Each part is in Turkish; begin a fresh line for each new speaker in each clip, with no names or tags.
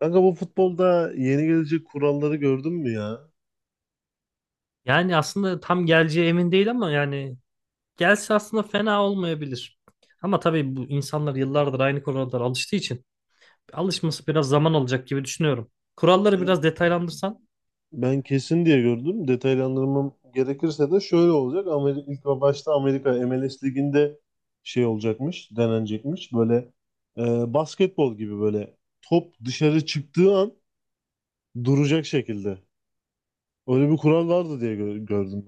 Kanka bu futbolda yeni gelecek kuralları gördün mü ya?
Yani aslında tam geleceği emin değil ama yani gelse aslında fena olmayabilir. Ama tabii bu insanlar yıllardır aynı kurallara alıştığı için alışması biraz zaman alacak gibi düşünüyorum. Kuralları
Ben,
biraz detaylandırsan
ben kesin diye gördüm. Detaylandırmam gerekirse de şöyle olacak. Amerika, ilk ve başta Amerika MLS Ligi'nde şey olacakmış, denenecekmiş. Böyle basketbol gibi böyle top dışarı çıktığı an duracak şekilde. Öyle bir kural vardı diye gördüm.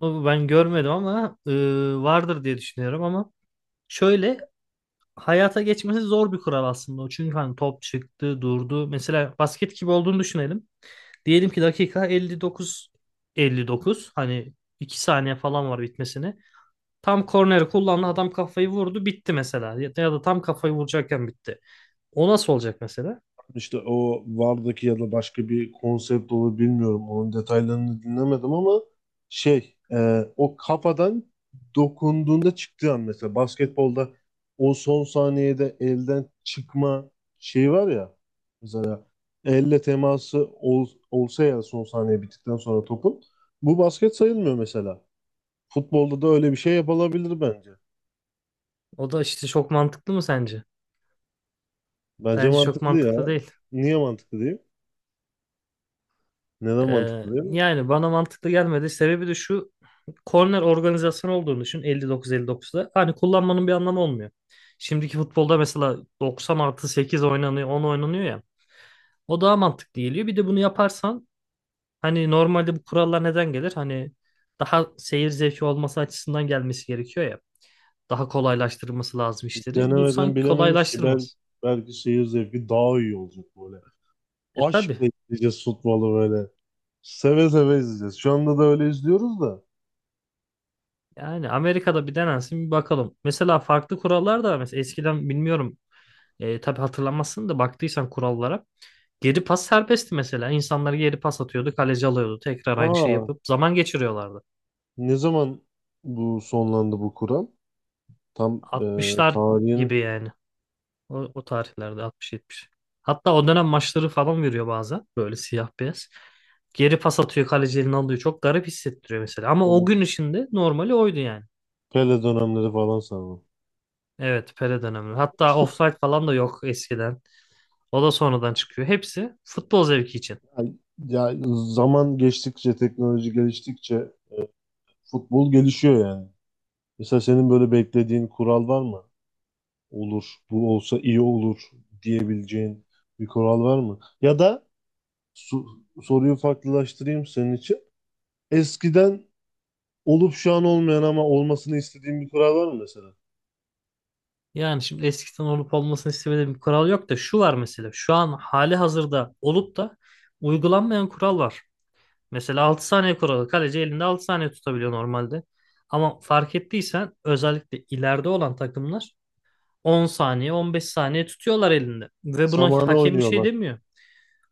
o ben görmedim ama vardır diye düşünüyorum ama şöyle hayata geçmesi zor bir kural aslında o. Çünkü hani top çıktı, durdu. Mesela basket gibi olduğunu düşünelim. Diyelim ki dakika 59 59 hani 2 saniye falan var bitmesine. Tam korneri kullandı adam kafayı vurdu bitti mesela. Ya ya da tam kafayı vuracakken bitti. O nasıl olacak mesela?
İşte o Var'daki ya da başka bir konsept olur bilmiyorum. Onun detaylarını dinlemedim ama şey o kafadan dokunduğunda çıktığı an mesela basketbolda o son saniyede elden çıkma şeyi var ya, mesela elle teması olsa ya son saniye bittikten sonra topun, bu basket sayılmıyor mesela. Futbolda da öyle bir şey yapılabilir bence.
O da işte çok mantıklı mı sence?
Bence
Bence çok
mantıklı
mantıklı
ya.
değil.
Niye mantıklı diyeyim? Neden mantıklı diyeyim?
Yani bana mantıklı gelmedi. Sebebi de şu: korner organizasyonu olduğunu düşün 59-59'da. Hani kullanmanın bir anlamı olmuyor. Şimdiki futbolda mesela 90 artı 8 oynanıyor, 10 oynanıyor ya. O daha mantıklı geliyor. Bir de bunu yaparsan hani normalde bu kurallar neden gelir? Hani daha seyir zevki olması açısından gelmesi gerekiyor ya. Daha kolaylaştırması lazım
Biz
işleri. Bu
denemeden
sanki
bilemeyiz ki, ben
kolaylaştırmaz.
belki seyir zevki daha iyi olacak böyle.
E tabii.
Aşkla izleyeceğiz futbolu böyle. Seve seve izleyeceğiz. Şu anda da öyle izliyoruz da.
Yani Amerika'da bir denensin, bir bakalım. Mesela farklı kurallar da var. Mesela eskiden bilmiyorum. Tabii hatırlamazsın da baktıysan kurallara. Geri pas serbestti mesela. İnsanlar geri pas atıyordu, kaleci alıyordu. Tekrar aynı şeyi
Aa,
yapıp zaman geçiriyorlardı.
ne zaman bu sonlandı bu kural? Tam
60'lar
tarihini ya,
gibi yani. O tarihlerde 60-70. Hatta o dönem maçları falan veriyor bazen. Böyle siyah beyaz. Geri pas atıyor, kaleci elini alıyor. Çok garip hissettiriyor mesela. Ama o
bu
gün içinde normali oydu yani.
Pele dönemleri falan sanırım.
Evet, Pele dönemi. Hatta offside falan da yok eskiden. O da sonradan çıkıyor. Hepsi futbol zevki için.
Ya, ya, zaman geçtikçe, teknoloji geliştikçe futbol gelişiyor yani. Mesela senin böyle beklediğin kural var mı? Olur, bu olsa iyi olur diyebileceğin bir kural var mı? Ya da soruyu farklılaştırayım senin için. Eskiden olup şu an olmayan ama olmasını istediğin bir kural var mı mesela?
Yani şimdi eskiden olup olmasını istemediğim bir kural yok da şu var mesela. Şu an hali hazırda olup da uygulanmayan kural var. Mesela 6 saniye kuralı. Kaleci elinde 6 saniye tutabiliyor normalde. Ama fark ettiysen özellikle ileride olan takımlar 10 saniye, 15 saniye tutuyorlar elinde. Ve buna
Zamana
hakem bir şey
oynuyorlar.
demiyor.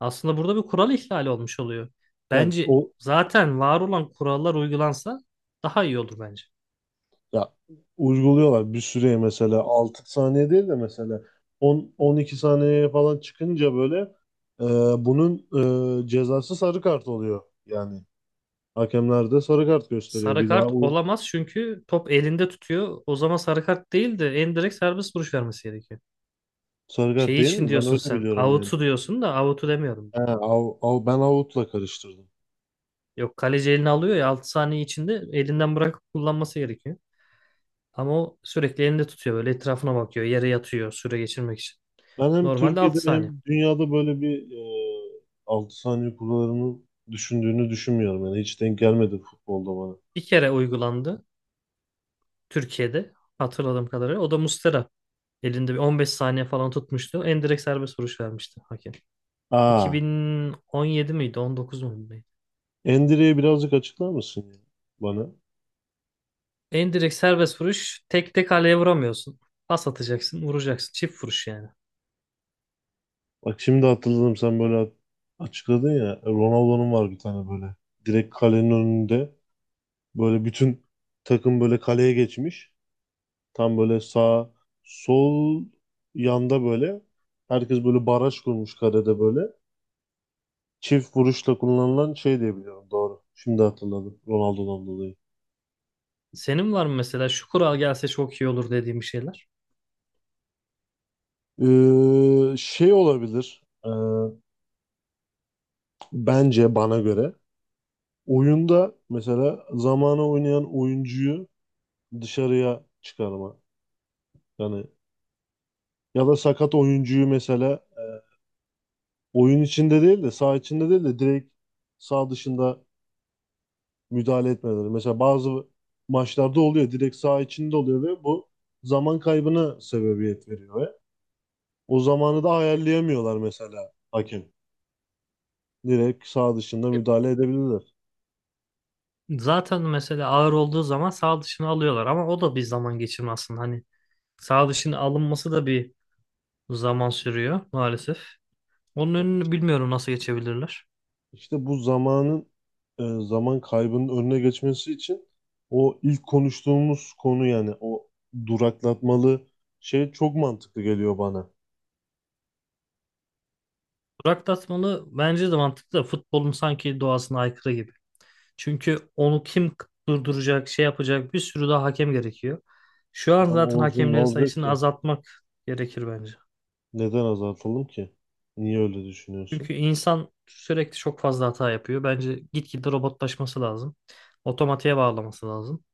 Aslında burada bir kural ihlali olmuş oluyor.
Yani
Bence
o,
zaten var olan kurallar uygulansa daha iyi olur bence.
ya uyguluyorlar bir süreye, mesela 6 saniye değil de mesela 12 saniyeye falan çıkınca böyle, e, bunun cezası sarı kart oluyor. Yani hakemler de sarı kart gösteriyor.
Sarı
Bir daha
kart
o
olamaz çünkü top elinde tutuyor. O zaman sarı kart değil de en direkt serbest vuruş vermesi gerekiyor.
sarı kart
Şey
değil
için
mi? Ben
diyorsun
öyle
sen.
biliyorum yani.
Out'u diyorsun da, out'u demiyorum.
He, av, ben avutla karıştırdım.
Yok, kaleci elini alıyor ya 6 saniye içinde elinden bırakıp kullanması gerekiyor. Ama o sürekli elinde tutuyor böyle, etrafına bakıyor. Yere yatıyor süre geçirmek için.
Ben hem
Normalde
Türkiye'de
6 saniye.
hem dünyada böyle bir e, 6 saniye kuralını düşündüğünü düşünmüyorum. Yani hiç denk gelmedi futbolda bana.
Bir kere uygulandı Türkiye'de hatırladığım kadarıyla. O da Muslera elinde bir 15 saniye falan tutmuştu. Endirekt serbest vuruş vermişti hakem.
Aa,
2017 miydi? 19 mu? Neydi?
Endire'yi birazcık açıklar mısın ya bana?
Endirekt serbest vuruş. Tek tek kaleye vuramıyorsun. Pas atacaksın, vuracaksın. Çift vuruş yani.
Bak şimdi hatırladım, sen böyle açıkladın ya. Ronaldo'nun var bir tane böyle. Direkt kalenin önünde böyle bütün takım böyle kaleye geçmiş. Tam böyle sağ sol yanda böyle. Herkes böyle baraj kurmuş karede böyle. Çift vuruşla kullanılan şey diye biliyorum. Doğru. Şimdi hatırladım. Ronaldo'dan dolayı.
Senin var mı mesela şu kural gelse çok iyi olur dediğim bir şeyler?
Şey olabilir. Bence bana göre oyunda mesela zamana oynayan oyuncuyu dışarıya çıkarma. Yani ya da sakat oyuncuyu mesela, oyun içinde değil de saha içinde değil de direkt saha dışında müdahale etmeleri. Mesela bazı maçlarda oluyor. Direkt saha içinde oluyor ve bu zaman kaybına sebebiyet veriyor. O zamanı da ayarlayamıyorlar mesela hakem. Direkt sağ dışında
E,
müdahale edebilirler.
Zaten mesela ağır olduğu zaman sağ dışını alıyorlar ama o da bir zaman geçirme aslında. Hani sağ dışının alınması da bir zaman sürüyor maalesef. Onun önünü bilmiyorum nasıl geçebilirler.
İşte bu zamanın, zaman kaybının önüne geçmesi için o ilk konuştuğumuz konu, yani o duraklatmalı şey çok mantıklı geliyor bana.
Burak Tasman'ı bence de mantıklı da futbolun sanki doğasına aykırı gibi. Çünkü onu kim durduracak, şey yapacak, bir sürü daha hakem gerekiyor. Şu an
Ama
zaten
olsun, ne
hakemlerin
olacak
sayısını
ki?
azaltmak gerekir bence.
Neden azaltalım ki? Niye öyle
Çünkü
düşünüyorsun?
insan sürekli çok fazla hata yapıyor. Bence gitgide robotlaşması lazım. Otomatiğe bağlaması lazım.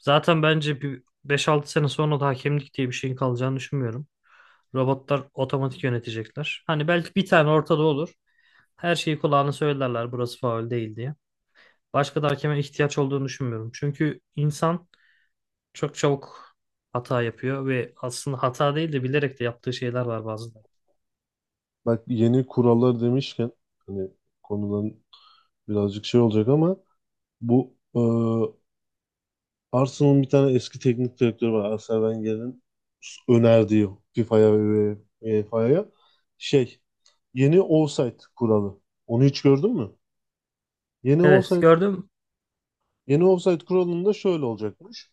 Zaten bence bir beş altı sene sonra da hakemlik diye bir şeyin kalacağını düşünmüyorum. Robotlar otomatik yönetecekler. Hani belki bir tane ortada olur. Her şeyi kulağına söylerler, burası faul değil diye. Başka da hakeme ihtiyaç olduğunu düşünmüyorum. Çünkü insan çok çabuk hata yapıyor ve aslında hata değil de bilerek de yaptığı şeyler var bazıları.
Bak, yeni kurallar demişken, hani konudan birazcık şey olacak ama bu, Arsenal'ın bir tane eski teknik direktörü var. Arsene Wenger'in önerdiği FIFA'ya ve UEFA'ya şey, yeni offside kuralı. Onu hiç gördün mü? Yeni
Evet,
offside
gördüm.
yeni offside kuralında şöyle olacakmış.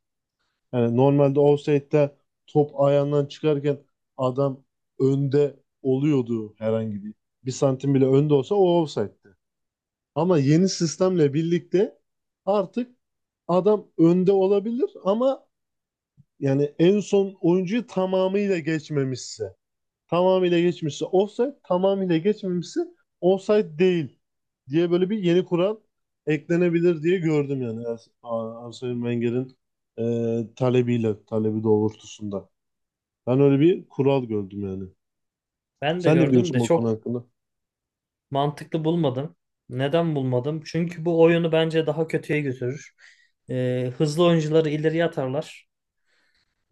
Yani normalde offside'de top ayağından çıkarken adam önde oluyordu herhangi bir. Bir santim bile önde olsa o offside'di. Ama yeni sistemle birlikte artık adam önde olabilir ama yani en son oyuncuyu tamamıyla geçmişse offside, tamamıyla geçmemişse offside değil diye böyle bir yeni kural eklenebilir diye gördüm yani Arsene Wenger'in talebi doğrultusunda. Ben öyle bir kural gördüm yani.
Ben de
Sen ne
gördüm
diyorsun
de
bu konu
çok
hakkında?
mantıklı bulmadım. Neden bulmadım? Çünkü bu oyunu bence daha kötüye götürür. Hızlı oyuncuları ileriye atarlar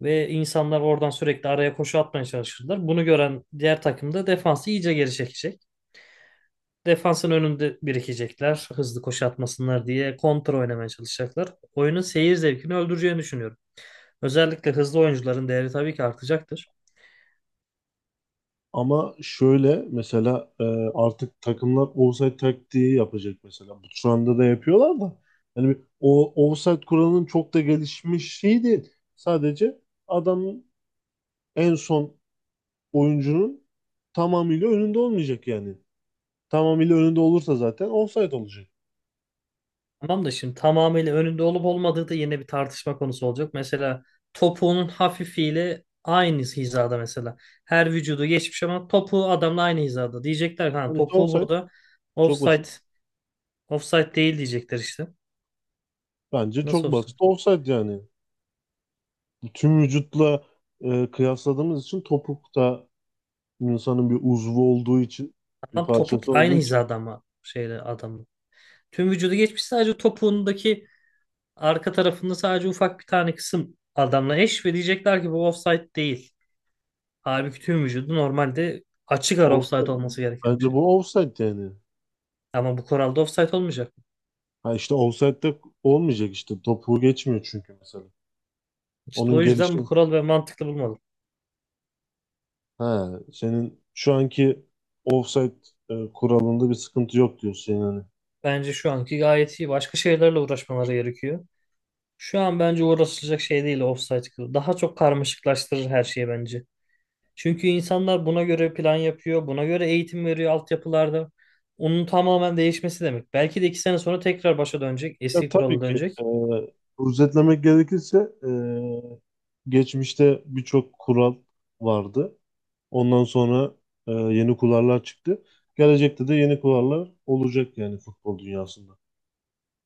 ve insanlar oradan sürekli araya koşu atmaya çalışırlar. Bunu gören diğer takım da defansı iyice geri çekecek. Defansın önünde birikecekler. Hızlı koşu atmasınlar diye kontra oynamaya çalışacaklar. Oyunun seyir zevkini öldüreceğini düşünüyorum. Özellikle hızlı oyuncuların değeri tabii ki artacaktır.
Ama şöyle mesela, artık takımlar offside taktiği yapacak mesela. Bu şu anda da yapıyorlar da. Yani o offside kuralının çok da gelişmiş şey değil. Sadece adamın en son oyuncunun tamamıyla önünde olmayacak yani. Tamamıyla önünde olursa zaten offside olacak.
Tamam da şimdi tamamıyla önünde olup olmadığı da yine bir tartışma konusu olacak. Mesela topuğunun hafifiyle aynı hizada mesela. Her vücudu geçmiş ama topuğu adamla aynı hizada. Diyecekler ki, ha
Hani işte
topuğu
offside
burada
çok
offside,
basit.
offside değil diyecekler işte.
Bence
Nasıl
çok basit
offside?
offside yani. Tüm vücutla kıyasladığımız için topuk da insanın bir uzvu olduğu için, bir
Adam topuk
parçası
aynı
olduğu için.
hizada ama şeyle, adamla. Tüm vücudu geçmiş, sadece topuğundaki arka tarafında sadece ufak bir tane kısım adamla eş ve diyecekler ki bu offside değil. Halbuki tüm vücudu normalde açık ara offside
Offside.
olması gereken bir
Bence
şey.
bu offside yani.
Ama bu kuralda offside olmayacak.
Ha, işte offside'de olmayacak işte. Topu geçmiyor çünkü mesela.
İşte
Onun
o yüzden bu
gelişim.
kural ve mantıklı bulmadım.
Ha, senin şu anki offside kuralında bir sıkıntı yok diyorsun yani.
Bence şu anki gayet iyi. Başka şeylerle uğraşmaları gerekiyor. Şu an bence uğraşılacak şey değil offside. Daha çok karmaşıklaştırır her şeyi bence. Çünkü insanlar buna göre plan yapıyor, buna göre eğitim veriyor altyapılarda. Onun tamamen değişmesi demek. Belki de 2 sene sonra tekrar başa dönecek,
Ya
eski kurala
tabii ki,
dönecek.
özetlemek gerekirse, e, geçmişte birçok kural vardı. Ondan sonra yeni kurallar çıktı. Gelecekte de yeni kurallar olacak yani futbol dünyasında.